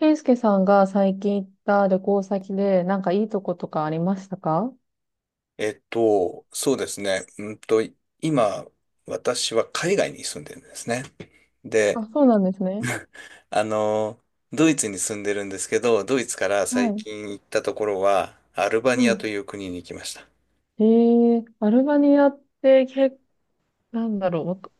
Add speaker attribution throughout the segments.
Speaker 1: 健介さんが最近行った旅行先で、なんかいいとことかありましたか？
Speaker 2: そうですね。今、私は海外に住んでるんですね。
Speaker 1: あ、
Speaker 2: で、
Speaker 1: そうなんですね。
Speaker 2: あの、ドイツに住んでるんですけど、ドイツから
Speaker 1: は
Speaker 2: 最
Speaker 1: い。
Speaker 2: 近行ったところは、アルバ
Speaker 1: は
Speaker 2: ニア
Speaker 1: い。
Speaker 2: という国に行きました。
Speaker 1: えアルバニアってなんだろう、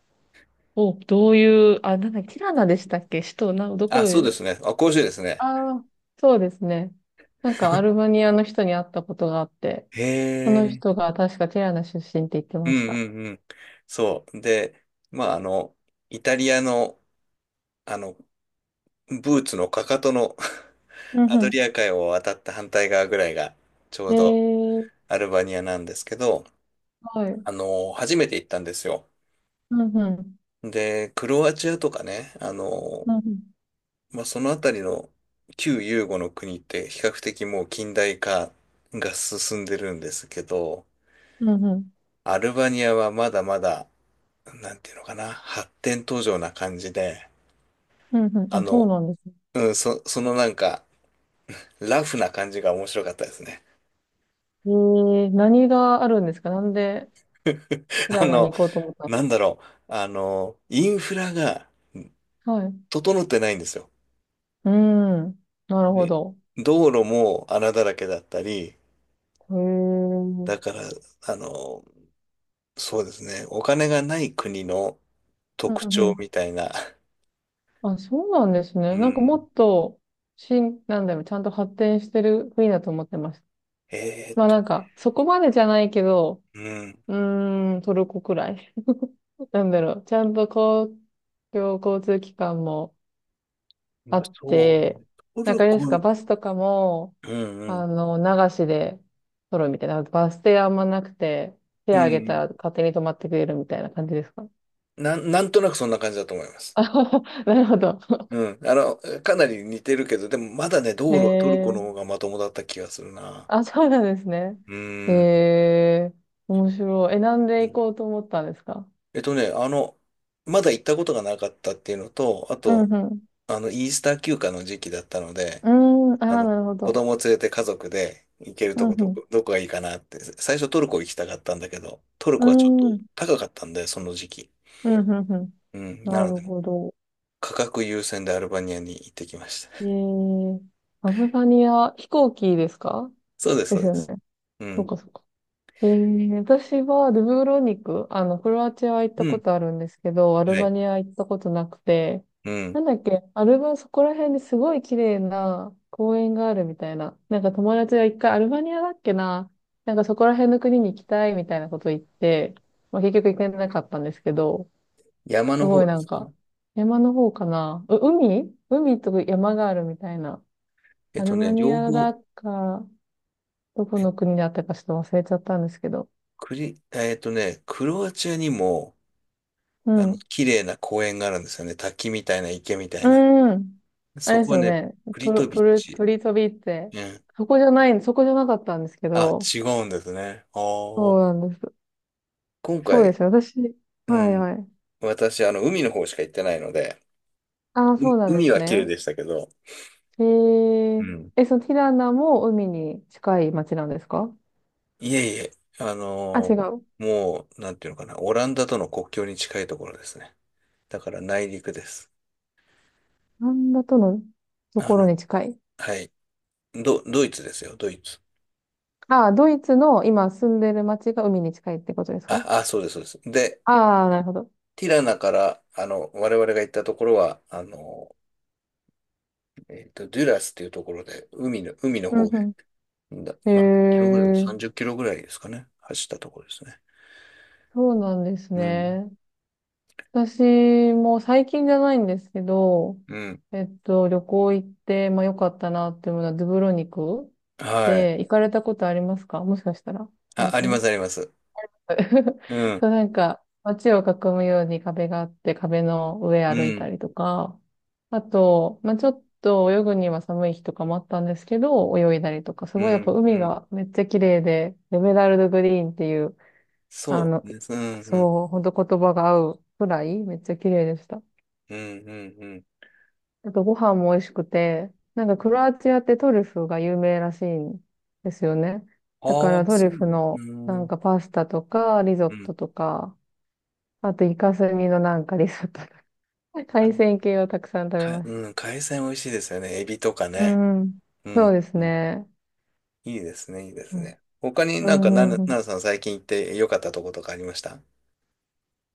Speaker 1: お、どういう、あ、なんだ、ティラナでしたっけ、首都、ど
Speaker 2: あ、
Speaker 1: こ
Speaker 2: そ
Speaker 1: へ。
Speaker 2: うですね。あ、してですね。
Speaker 1: ああ、そうですね。なんかアルバニアの人に会ったことがあって、
Speaker 2: へ
Speaker 1: その人
Speaker 2: え。
Speaker 1: が確かティラナ出身って言って
Speaker 2: うん
Speaker 1: ました。
Speaker 2: うんうん。そう。で、まあ、イタリアの、あの、ブーツのかかとの
Speaker 1: う ん
Speaker 2: アド
Speaker 1: う
Speaker 2: リア海を渡った反対側ぐらいが、ちょ
Speaker 1: ん。え
Speaker 2: うど
Speaker 1: ー、
Speaker 2: アルバニアなんですけど、
Speaker 1: はい。
Speaker 2: 初めて行ったんですよ。
Speaker 1: うんうん。
Speaker 2: で、クロアチアとかね、
Speaker 1: うんうん。
Speaker 2: まあ、そのあたりの旧ユーゴの国って比較的もう近代化が進んでるんですけど、
Speaker 1: うんうん。
Speaker 2: アルバニアはまだまだ、なんていうのかな、発展途上な感じで、
Speaker 1: うんうん。
Speaker 2: あ
Speaker 1: あ、そう
Speaker 2: の、
Speaker 1: なんですね。
Speaker 2: うん、そのなんか、ラフな感じが面白かったですね。
Speaker 1: えー、何があるんですか？なんで、平
Speaker 2: あ
Speaker 1: ィラナに
Speaker 2: の、
Speaker 1: 行こうと思ったんで
Speaker 2: なんだろう、インフラが
Speaker 1: すか？はい。
Speaker 2: 整ってないんですよ。
Speaker 1: うん。なるほ
Speaker 2: で、
Speaker 1: ど。
Speaker 2: 道路も穴だらけだったり、
Speaker 1: へえ。う
Speaker 2: だ
Speaker 1: ん
Speaker 2: から、あの、そうですね。お金がない国の
Speaker 1: う
Speaker 2: 特徴
Speaker 1: ん。
Speaker 2: みたいな。
Speaker 1: あ、そうなんです
Speaker 2: う
Speaker 1: ね。なんかも
Speaker 2: ん。
Speaker 1: っと、なんだろう、ちゃんと発展してる国だと思ってました。
Speaker 2: えーっ
Speaker 1: まあ
Speaker 2: と、
Speaker 1: なんか、そこまでじゃないけど、
Speaker 2: うん。
Speaker 1: うトルコくらい。なんだろう、ちゃんと公共交通機関もあっ
Speaker 2: そうね。
Speaker 1: て、
Speaker 2: ト
Speaker 1: なんか
Speaker 2: ル
Speaker 1: あれで
Speaker 2: コ、
Speaker 1: す
Speaker 2: う
Speaker 1: か、
Speaker 2: ん
Speaker 1: バスとかも、
Speaker 2: う
Speaker 1: あ
Speaker 2: ん。
Speaker 1: の、流しで撮るみたいな。バス停あんまなくて、
Speaker 2: う
Speaker 1: 手あげた
Speaker 2: ん。
Speaker 1: ら勝手に止まってくれるみたいな感じですか？
Speaker 2: なんとなくそんな感じだと思います。
Speaker 1: あ なるほど。
Speaker 2: うん。かなり似てるけど、でもまだね、
Speaker 1: へ
Speaker 2: 道路はトルコ
Speaker 1: え。
Speaker 2: の方がまともだった気がするな。
Speaker 1: あ、そうなんですね。
Speaker 2: う
Speaker 1: へ
Speaker 2: ん。
Speaker 1: え。面白い。え、なんで行こうと思ったんですか？
Speaker 2: えっとね、あの、まだ行ったことがなかったっていうのと、あ
Speaker 1: うん
Speaker 2: と、
Speaker 1: うん。
Speaker 2: イースター休暇の時期だったので、
Speaker 1: うーん。
Speaker 2: あ
Speaker 1: ああ、
Speaker 2: の、
Speaker 1: なるほ
Speaker 2: 子
Speaker 1: ど。
Speaker 2: 供連れて家族で行けると
Speaker 1: う
Speaker 2: こど
Speaker 1: ん
Speaker 2: こ、どこがいいかなって、最初トルコ行きたかったんだけど、トル
Speaker 1: う
Speaker 2: コはちょっと
Speaker 1: ん。うーん。
Speaker 2: 高かったんで、その時期。
Speaker 1: うんうんうん。
Speaker 2: うん。な
Speaker 1: な
Speaker 2: の
Speaker 1: る
Speaker 2: で、
Speaker 1: ほど。
Speaker 2: 価格優先でアルバニアに行ってきました。
Speaker 1: えー、アルバニア、飛行機ですか？
Speaker 2: そうです、
Speaker 1: で
Speaker 2: そう
Speaker 1: す
Speaker 2: で
Speaker 1: よ
Speaker 2: す。
Speaker 1: ね。
Speaker 2: う
Speaker 1: そう
Speaker 2: ん。
Speaker 1: かそうか。えー、私はドゥブロニク、クロアチアは行った
Speaker 2: う
Speaker 1: こ
Speaker 2: ん。
Speaker 1: とあるんですけど、アル
Speaker 2: は
Speaker 1: バ
Speaker 2: い。
Speaker 1: ニア行ったことなくて、
Speaker 2: うん。
Speaker 1: なんだっけ、アルバ、そこら辺にすごい綺麗な公園があるみたいな、なんか友達が一回アルバニアだっけな、なんかそこら辺の国に行きたいみたいなこと言って、まあ、結局行けなかったんですけど、
Speaker 2: 山
Speaker 1: す
Speaker 2: の
Speaker 1: ご
Speaker 2: 方
Speaker 1: い
Speaker 2: で
Speaker 1: なん
Speaker 2: すか？
Speaker 1: か、山の方かな、海と山があるみたいな、アルバニ
Speaker 2: 両
Speaker 1: アだ
Speaker 2: 方、
Speaker 1: か、どこの国だったかちょっと忘れちゃったんですけど、
Speaker 2: クロアチアにも、
Speaker 1: うん
Speaker 2: 綺麗な公園があるんですよね。滝みたいな池みた
Speaker 1: う
Speaker 2: いな。
Speaker 1: ーん。あれ
Speaker 2: そ
Speaker 1: で
Speaker 2: こ
Speaker 1: す
Speaker 2: は
Speaker 1: よ
Speaker 2: ね、
Speaker 1: ね。
Speaker 2: プ
Speaker 1: プ
Speaker 2: リ
Speaker 1: ロ、
Speaker 2: トビ
Speaker 1: プ
Speaker 2: ッ
Speaker 1: ル、
Speaker 2: チ。
Speaker 1: プリトビって、
Speaker 2: うん。
Speaker 1: そこじゃなかったんですけ
Speaker 2: あ、
Speaker 1: ど、
Speaker 2: 違うんですね。あ
Speaker 1: そう
Speaker 2: あ。
Speaker 1: なんです。
Speaker 2: 今
Speaker 1: そうで
Speaker 2: 回、
Speaker 1: すよ。
Speaker 2: う
Speaker 1: はい
Speaker 2: ん。
Speaker 1: はい。
Speaker 2: 私、海の方しか行ってないので、
Speaker 1: ああ、
Speaker 2: う
Speaker 1: そうなんで
Speaker 2: 海
Speaker 1: す
Speaker 2: は綺麗
Speaker 1: ね。
Speaker 2: でしたけど、
Speaker 1: えー、
Speaker 2: うん。
Speaker 1: そのティラナも海に近い町なんですか？
Speaker 2: いえいえ、あ
Speaker 1: あ、
Speaker 2: の
Speaker 1: 違う。
Speaker 2: ー
Speaker 1: オ
Speaker 2: もう、なんていうのかな、オランダとの国境に近いところですね。だから内陸です。
Speaker 1: ランダとのと
Speaker 2: あ
Speaker 1: ころ
Speaker 2: の、
Speaker 1: に近い。
Speaker 2: はい。ドイツですよ、ドイツ。
Speaker 1: ああ、ドイツの今住んでる町が海に近いってことですか？
Speaker 2: あ、そうです、そうです。で、
Speaker 1: ああー、なるほど。
Speaker 2: ティラナから、我々が行ったところは、デュラスっていうところで、海の
Speaker 1: うん
Speaker 2: 方へ、
Speaker 1: うん。へ
Speaker 2: まあ、キロぐらい、
Speaker 1: えー、
Speaker 2: 30キロぐらいですかね、走ったところですね。
Speaker 1: そうなんです
Speaker 2: うん。
Speaker 1: ね。私も最近じゃないんですけど、
Speaker 2: うん。
Speaker 1: えっと、旅行行って、まあ良かったなっていうものはドゥブロニク
Speaker 2: はい。
Speaker 1: で。行かれたことありますか？もしかしたら。あ
Speaker 2: あ、
Speaker 1: る
Speaker 2: あ
Speaker 1: か
Speaker 2: りま
Speaker 1: も。
Speaker 2: すあります。うん、
Speaker 1: そう、なんか街を囲むように壁があって壁の上
Speaker 2: う
Speaker 1: 歩いた
Speaker 2: ん、
Speaker 1: りとか、あと、まあちょっと泳ぐには寒い日とかもあったんですけど、泳いだりとか、す
Speaker 2: う
Speaker 1: ごいやっぱ
Speaker 2: ん、
Speaker 1: 海
Speaker 2: うん。
Speaker 1: がめっちゃ綺麗で、エメラルドグリーンっていう、
Speaker 2: そ
Speaker 1: あ
Speaker 2: う
Speaker 1: の、
Speaker 2: ですね。うん、
Speaker 1: そう、ほんと言葉が合うくらいめっちゃ綺麗でした。
Speaker 2: うん、うん、うん。うん。
Speaker 1: あとご飯も美味しくて、なんかクロアチアってトリュフが有名らしいんですよね。
Speaker 2: あ
Speaker 1: だから
Speaker 2: あ、
Speaker 1: トリ
Speaker 2: そ
Speaker 1: ュ
Speaker 2: う
Speaker 1: フ
Speaker 2: だね。
Speaker 1: の
Speaker 2: う
Speaker 1: なん
Speaker 2: ん、
Speaker 1: かパスタとかリゾ
Speaker 2: う
Speaker 1: ッ
Speaker 2: ん。
Speaker 1: トとか、あとイカスミのなんかリゾットとか、海
Speaker 2: あ、
Speaker 1: 鮮系をたくさん食べました。
Speaker 2: うん、海鮮美味しいですよね。エビとか
Speaker 1: う
Speaker 2: ね。
Speaker 1: ん。
Speaker 2: う
Speaker 1: そう
Speaker 2: ん、
Speaker 1: です
Speaker 2: うん。
Speaker 1: ね。
Speaker 2: いいですね、いいで
Speaker 1: う
Speaker 2: す
Speaker 1: ん、
Speaker 2: ね。他に
Speaker 1: う
Speaker 2: なんか、
Speaker 1: ん、
Speaker 2: な
Speaker 1: うん
Speaker 2: る、
Speaker 1: うん、
Speaker 2: なるさん最近行って良かったとことかありました？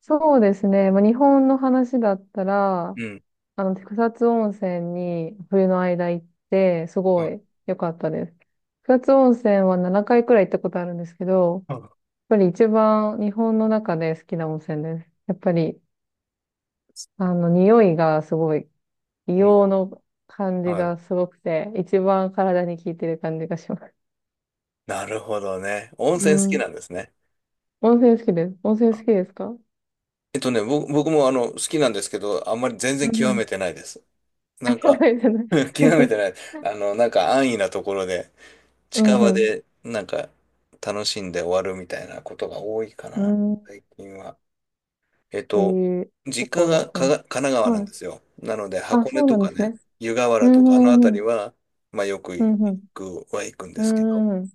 Speaker 1: そうですね。まあ、日本の話だったら、
Speaker 2: うん。
Speaker 1: あの、草津温泉に冬の間行って、す
Speaker 2: は
Speaker 1: ご
Speaker 2: い、
Speaker 1: い良かったです。草津温泉は7回くらい行ったことあるんですけど、
Speaker 2: あ、
Speaker 1: ぱり一番日本の中で好きな温泉です。やっぱり、匂いがすごい、
Speaker 2: う
Speaker 1: 硫
Speaker 2: ん。
Speaker 1: 黄の感じ
Speaker 2: はい。
Speaker 1: がすごくて、一番体に効いてる感じがします。
Speaker 2: なるほどね。温
Speaker 1: う
Speaker 2: 泉好き
Speaker 1: ん。
Speaker 2: なんですね。
Speaker 1: 温泉好きです。温泉好
Speaker 2: あ、
Speaker 1: きですか？う
Speaker 2: 僕も好きなんですけど、あんまり全然
Speaker 1: ん
Speaker 2: 極
Speaker 1: うん。
Speaker 2: めてないです。な
Speaker 1: あ、
Speaker 2: ん
Speaker 1: そう
Speaker 2: か、
Speaker 1: ですね。
Speaker 2: 極めて ない。なんか安易なところで、
Speaker 1: う
Speaker 2: 近
Speaker 1: んう
Speaker 2: 場
Speaker 1: ん。
Speaker 2: で、なんか、楽しんで終わるみたいなことが多いか
Speaker 1: う
Speaker 2: な、
Speaker 1: ん。
Speaker 2: 最近は。えっ
Speaker 1: え
Speaker 2: と、
Speaker 1: ー、ど
Speaker 2: 実家
Speaker 1: この
Speaker 2: が
Speaker 1: 温
Speaker 2: かが
Speaker 1: 泉？
Speaker 2: 神奈川なん
Speaker 1: はい。
Speaker 2: ですよ。なので、
Speaker 1: あ、
Speaker 2: 箱根
Speaker 1: そうな
Speaker 2: と
Speaker 1: ん
Speaker 2: か
Speaker 1: です
Speaker 2: ね、
Speaker 1: ね。
Speaker 2: 湯河
Speaker 1: う
Speaker 2: 原と
Speaker 1: んう
Speaker 2: か、あの
Speaker 1: んう
Speaker 2: 辺り
Speaker 1: ん。
Speaker 2: は、まあ、よく
Speaker 1: うん
Speaker 2: 行
Speaker 1: うん。
Speaker 2: くは行くんで
Speaker 1: う
Speaker 2: すけど、
Speaker 1: んうん。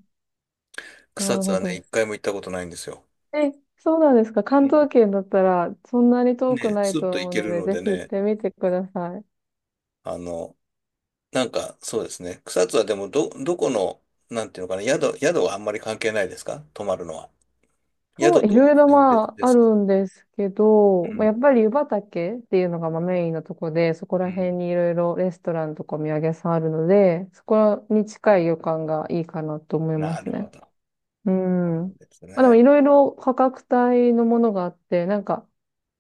Speaker 1: な
Speaker 2: 草
Speaker 1: る
Speaker 2: 津
Speaker 1: ほ
Speaker 2: はね、
Speaker 1: ど。
Speaker 2: 一回も行ったことないんですよ。
Speaker 1: え、そうなんですか。関
Speaker 2: うん
Speaker 1: 東圏だったら、そんなに遠く
Speaker 2: ね、
Speaker 1: ない
Speaker 2: スッ
Speaker 1: と
Speaker 2: と行
Speaker 1: 思う
Speaker 2: け
Speaker 1: の
Speaker 2: る
Speaker 1: で、
Speaker 2: の
Speaker 1: ぜ
Speaker 2: で
Speaker 1: ひ行っ
Speaker 2: ね、
Speaker 1: てみてください。
Speaker 2: あの、なんか、そうですね。草津はでも、どこの、なんていうのかな、宿はあんまり関係ないですか？泊まるのは。
Speaker 1: そう、
Speaker 2: 宿
Speaker 1: い
Speaker 2: と温
Speaker 1: ろいろ
Speaker 2: 泉
Speaker 1: ま
Speaker 2: 別で
Speaker 1: あ、あ
Speaker 2: すか？
Speaker 1: るんですけど、
Speaker 2: う
Speaker 1: まあ、
Speaker 2: ん
Speaker 1: やっぱり湯畑っていうのがまあメインのとこで、そこ
Speaker 2: う
Speaker 1: ら辺
Speaker 2: ん。
Speaker 1: にいろいろレストランとかお土産屋さんあるので、そこに近い旅館がいいかなと思いま
Speaker 2: な
Speaker 1: す
Speaker 2: るほ
Speaker 1: ね。
Speaker 2: ど。
Speaker 1: う
Speaker 2: そう
Speaker 1: ん。
Speaker 2: なんです
Speaker 1: まあ、でも
Speaker 2: ね。
Speaker 1: いろいろ価格帯のものがあって、なんか、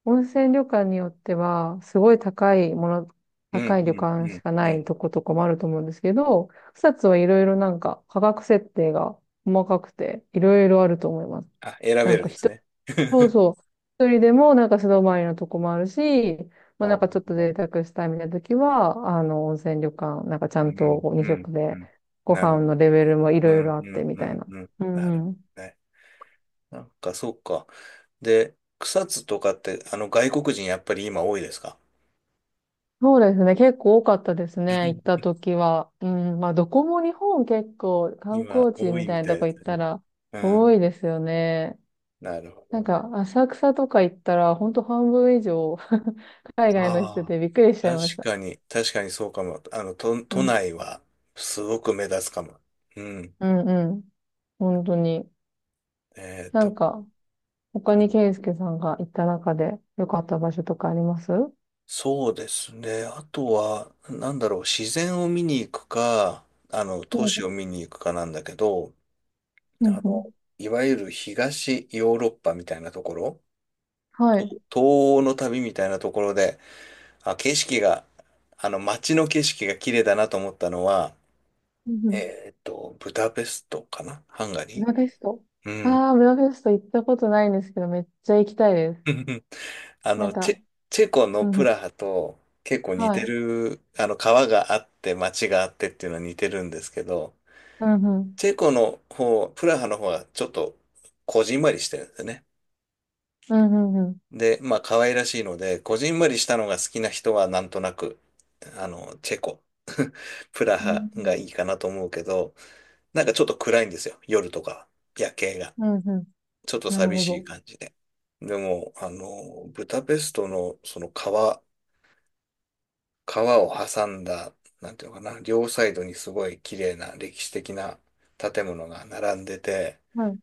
Speaker 1: 温泉旅館によっては、すごい
Speaker 2: う
Speaker 1: 高
Speaker 2: ん、
Speaker 1: い
Speaker 2: う
Speaker 1: 旅
Speaker 2: ん、
Speaker 1: 館
Speaker 2: う
Speaker 1: し
Speaker 2: ん、
Speaker 1: か
Speaker 2: う
Speaker 1: ない
Speaker 2: ん。
Speaker 1: とことかもあると思うんですけど、草津はいろいろなんか価格設定が細かくて、いろいろあると思います。
Speaker 2: あ、選
Speaker 1: な
Speaker 2: べ
Speaker 1: ん
Speaker 2: る
Speaker 1: か
Speaker 2: んです
Speaker 1: 人、
Speaker 2: ね。
Speaker 1: そう そう、一人でもなんか素泊まりのとこもあるし、ま
Speaker 2: お
Speaker 1: あなんかちょっと
Speaker 2: ー
Speaker 1: 贅沢したいみたいな時は、温泉旅館、なんかちゃ
Speaker 2: う
Speaker 1: んと
Speaker 2: ん、
Speaker 1: 2
Speaker 2: うん、
Speaker 1: 食
Speaker 2: う
Speaker 1: で、
Speaker 2: ん。
Speaker 1: ご
Speaker 2: なるほ
Speaker 1: 飯
Speaker 2: ど。
Speaker 1: のレベルもい
Speaker 2: う
Speaker 1: ろいろ
Speaker 2: ん、
Speaker 1: あっ
Speaker 2: う
Speaker 1: て
Speaker 2: ん、
Speaker 1: み
Speaker 2: う
Speaker 1: たい
Speaker 2: ん、
Speaker 1: な。
Speaker 2: うん。
Speaker 1: う
Speaker 2: なるほ
Speaker 1: んうん。
Speaker 2: どね。なんか、そうか。で、草津とかって、外国人やっぱり今多いですか？
Speaker 1: そうですね。結構多かったですね。行った 時は。うん。まあ、どこも日本結構観
Speaker 2: 今、
Speaker 1: 光地
Speaker 2: 多
Speaker 1: み
Speaker 2: い
Speaker 1: た
Speaker 2: み
Speaker 1: いな
Speaker 2: たい
Speaker 1: とこ
Speaker 2: で
Speaker 1: 行
Speaker 2: す
Speaker 1: った
Speaker 2: ね。
Speaker 1: ら
Speaker 2: う
Speaker 1: 多
Speaker 2: ん。
Speaker 1: いですよね。
Speaker 2: なるほ
Speaker 1: な
Speaker 2: ど
Speaker 1: ん
Speaker 2: ね。
Speaker 1: か、浅草とか行ったら、ほんと半分以上 海外の人
Speaker 2: ああ。
Speaker 1: でびっくりしちゃい
Speaker 2: 確
Speaker 1: ました。
Speaker 2: かに、確かにそうかも。都、
Speaker 1: う
Speaker 2: 都
Speaker 1: ん。
Speaker 2: 内は、すごく目立つかも。うん。
Speaker 1: うんうん。本当に。
Speaker 2: えー
Speaker 1: な
Speaker 2: と、
Speaker 1: んか、他にケイスケさんが行った中で良かった場所とかあります？うん。
Speaker 2: そうですね。あとは、なんだろう、自然を見に行くか、都市を見に行くかなんだけど、
Speaker 1: う
Speaker 2: あ
Speaker 1: んう
Speaker 2: の、
Speaker 1: ん。
Speaker 2: いわゆる東ヨーロッパみたいなところ、
Speaker 1: はい。う
Speaker 2: 東欧の旅みたいなところで、あ、景色が、あの、街の景色が綺麗だなと思ったのは、
Speaker 1: んうん。
Speaker 2: ブダペストかな？ハンガリ
Speaker 1: ブダペスト。
Speaker 2: ー。うん。
Speaker 1: ああ、ブダペスト行ったことないんですけど、めっちゃ行きたいです。
Speaker 2: あ
Speaker 1: なん
Speaker 2: の、チ
Speaker 1: か、
Speaker 2: ェ、チェコの
Speaker 1: うん
Speaker 2: プ
Speaker 1: うん。
Speaker 2: ラハと結構似
Speaker 1: は
Speaker 2: て
Speaker 1: い。
Speaker 2: る、川があって街があってっていうのは似てるんですけど、
Speaker 1: うんうん。
Speaker 2: チェコの方、プラハの方はちょっとこじんまりしてるんですよね。
Speaker 1: うんうんうん。
Speaker 2: で、まあ可愛らしいので、こじんまりしたのが好きな人はなんとなく、チェコ、プラ
Speaker 1: う
Speaker 2: ハが
Speaker 1: ん
Speaker 2: いいかなと思うけど、なんかちょっと暗いんですよ、夜とかは、夜景が。
Speaker 1: うんうん。
Speaker 2: ちょっと
Speaker 1: なる
Speaker 2: 寂
Speaker 1: ほ
Speaker 2: しい
Speaker 1: ど。
Speaker 2: 感じで。でも、ブダペストのその川を挟んだ、なんていうのかな、両サイドにすごい綺麗な歴史的な建物が並んでて、
Speaker 1: はい。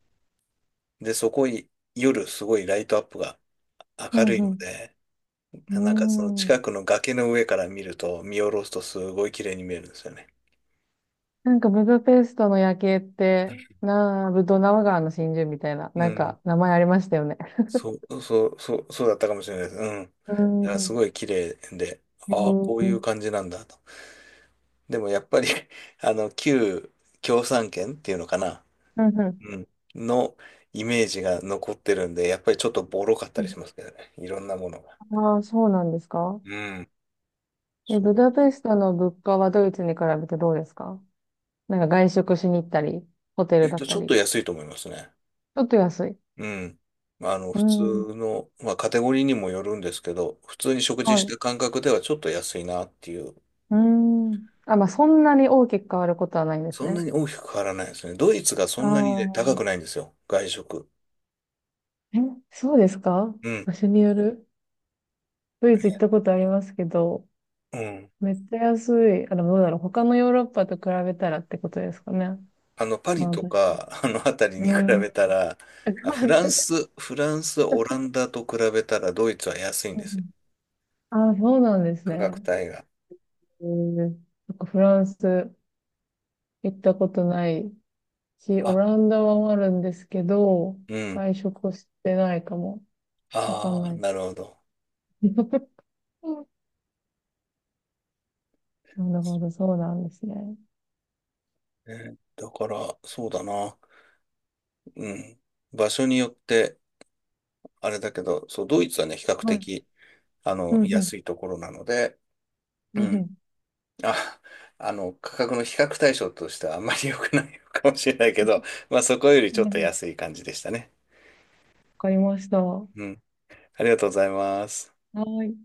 Speaker 2: で、そこい夜すごいライトアップが
Speaker 1: う
Speaker 2: 明
Speaker 1: ん
Speaker 2: るいの
Speaker 1: う
Speaker 2: で、なんかその
Speaker 1: ん。うーん。
Speaker 2: 近くの崖の上から見ると、見下ろすとすごい綺麗に見えるんですよね。
Speaker 1: なんかブダペストの夜景って、なあ、ブドナウ川の真珠みたいな、
Speaker 2: う
Speaker 1: なん
Speaker 2: ん。
Speaker 1: か名前ありましたよね。
Speaker 2: そう、そう、そう、そうだったかもしれないです。うん。だ
Speaker 1: うー
Speaker 2: からすご
Speaker 1: ん。
Speaker 2: い綺麗で、
Speaker 1: へ
Speaker 2: ああ、
Speaker 1: ー
Speaker 2: こう
Speaker 1: う
Speaker 2: いう
Speaker 1: ん
Speaker 2: 感じなんだと。でもやっぱり 旧共産圏っていうのかな。
Speaker 1: う
Speaker 2: うん。のイメージが残ってるんで、やっぱりちょっとボロかったりしま
Speaker 1: ん。
Speaker 2: すけどね。いろんなものが。
Speaker 1: ああ、そうなんですか？
Speaker 2: うん。
Speaker 1: え、
Speaker 2: そ
Speaker 1: ブ
Speaker 2: う。
Speaker 1: ダペストの物価はドイツに比べてどうですか？なんか外食しに行ったり、ホテルだっ
Speaker 2: ち
Speaker 1: た
Speaker 2: ょっ
Speaker 1: り。ち
Speaker 2: と安いと思いますね。
Speaker 1: ょっと安い。
Speaker 2: うん。
Speaker 1: う
Speaker 2: 普通
Speaker 1: ん。
Speaker 2: の、まあ、カテゴリーにもよるんですけど、普通に食事
Speaker 1: は
Speaker 2: し
Speaker 1: い。
Speaker 2: た感覚ではちょっと安いなっていう。
Speaker 1: うーん。あ、まあ、そんなに大きく変わることはないんです
Speaker 2: そんな
Speaker 1: ね。
Speaker 2: に大きく変わらないですね。ドイツがそ
Speaker 1: あ
Speaker 2: んなにね、高くな
Speaker 1: あ。
Speaker 2: いんですよ。外食。
Speaker 1: え、そうですか？
Speaker 2: うん。
Speaker 1: 場所による。ドイツ行ったことありますけど、
Speaker 2: うん。
Speaker 1: めっちゃ安い。あ、でもどうだろう。他のヨーロッパと比べたらってことですかね。
Speaker 2: パリ
Speaker 1: まあ、
Speaker 2: と
Speaker 1: 確か
Speaker 2: か、あの辺り
Speaker 1: に。うー
Speaker 2: に比
Speaker 1: ん。
Speaker 2: べたら、あ、
Speaker 1: まあ、
Speaker 2: フ
Speaker 1: 確
Speaker 2: ラ
Speaker 1: か
Speaker 2: ン
Speaker 1: に。
Speaker 2: ス、フランス、オランダと比べたらドイツは安いんですよ、
Speaker 1: ああ、そうなんです
Speaker 2: 価格
Speaker 1: ね。
Speaker 2: 帯が。
Speaker 1: えー、なんかフランス行ったことないし、オ
Speaker 2: あ、
Speaker 1: ランダはあるんですけど、
Speaker 2: うん。
Speaker 1: 外食をしてないかも。わかん
Speaker 2: ああ、
Speaker 1: ない。
Speaker 2: なるほど。
Speaker 1: なるほど、そうなんですね。
Speaker 2: だから、そうだな。うん。場所によって、あれだけど、そう、ドイツはね、比較
Speaker 1: はい。
Speaker 2: 的、
Speaker 1: うんうん、
Speaker 2: 安いところなので、
Speaker 1: う
Speaker 2: う
Speaker 1: んう
Speaker 2: ん。
Speaker 1: ん。
Speaker 2: あ、価格の比較対象としてはあんまり良くないかもしれないけど、まあ、そこよりちょっ
Speaker 1: な
Speaker 2: と
Speaker 1: るほど。わ
Speaker 2: 安い感じでしたね。
Speaker 1: かりました。は
Speaker 2: うん。ありがとうございます。
Speaker 1: い。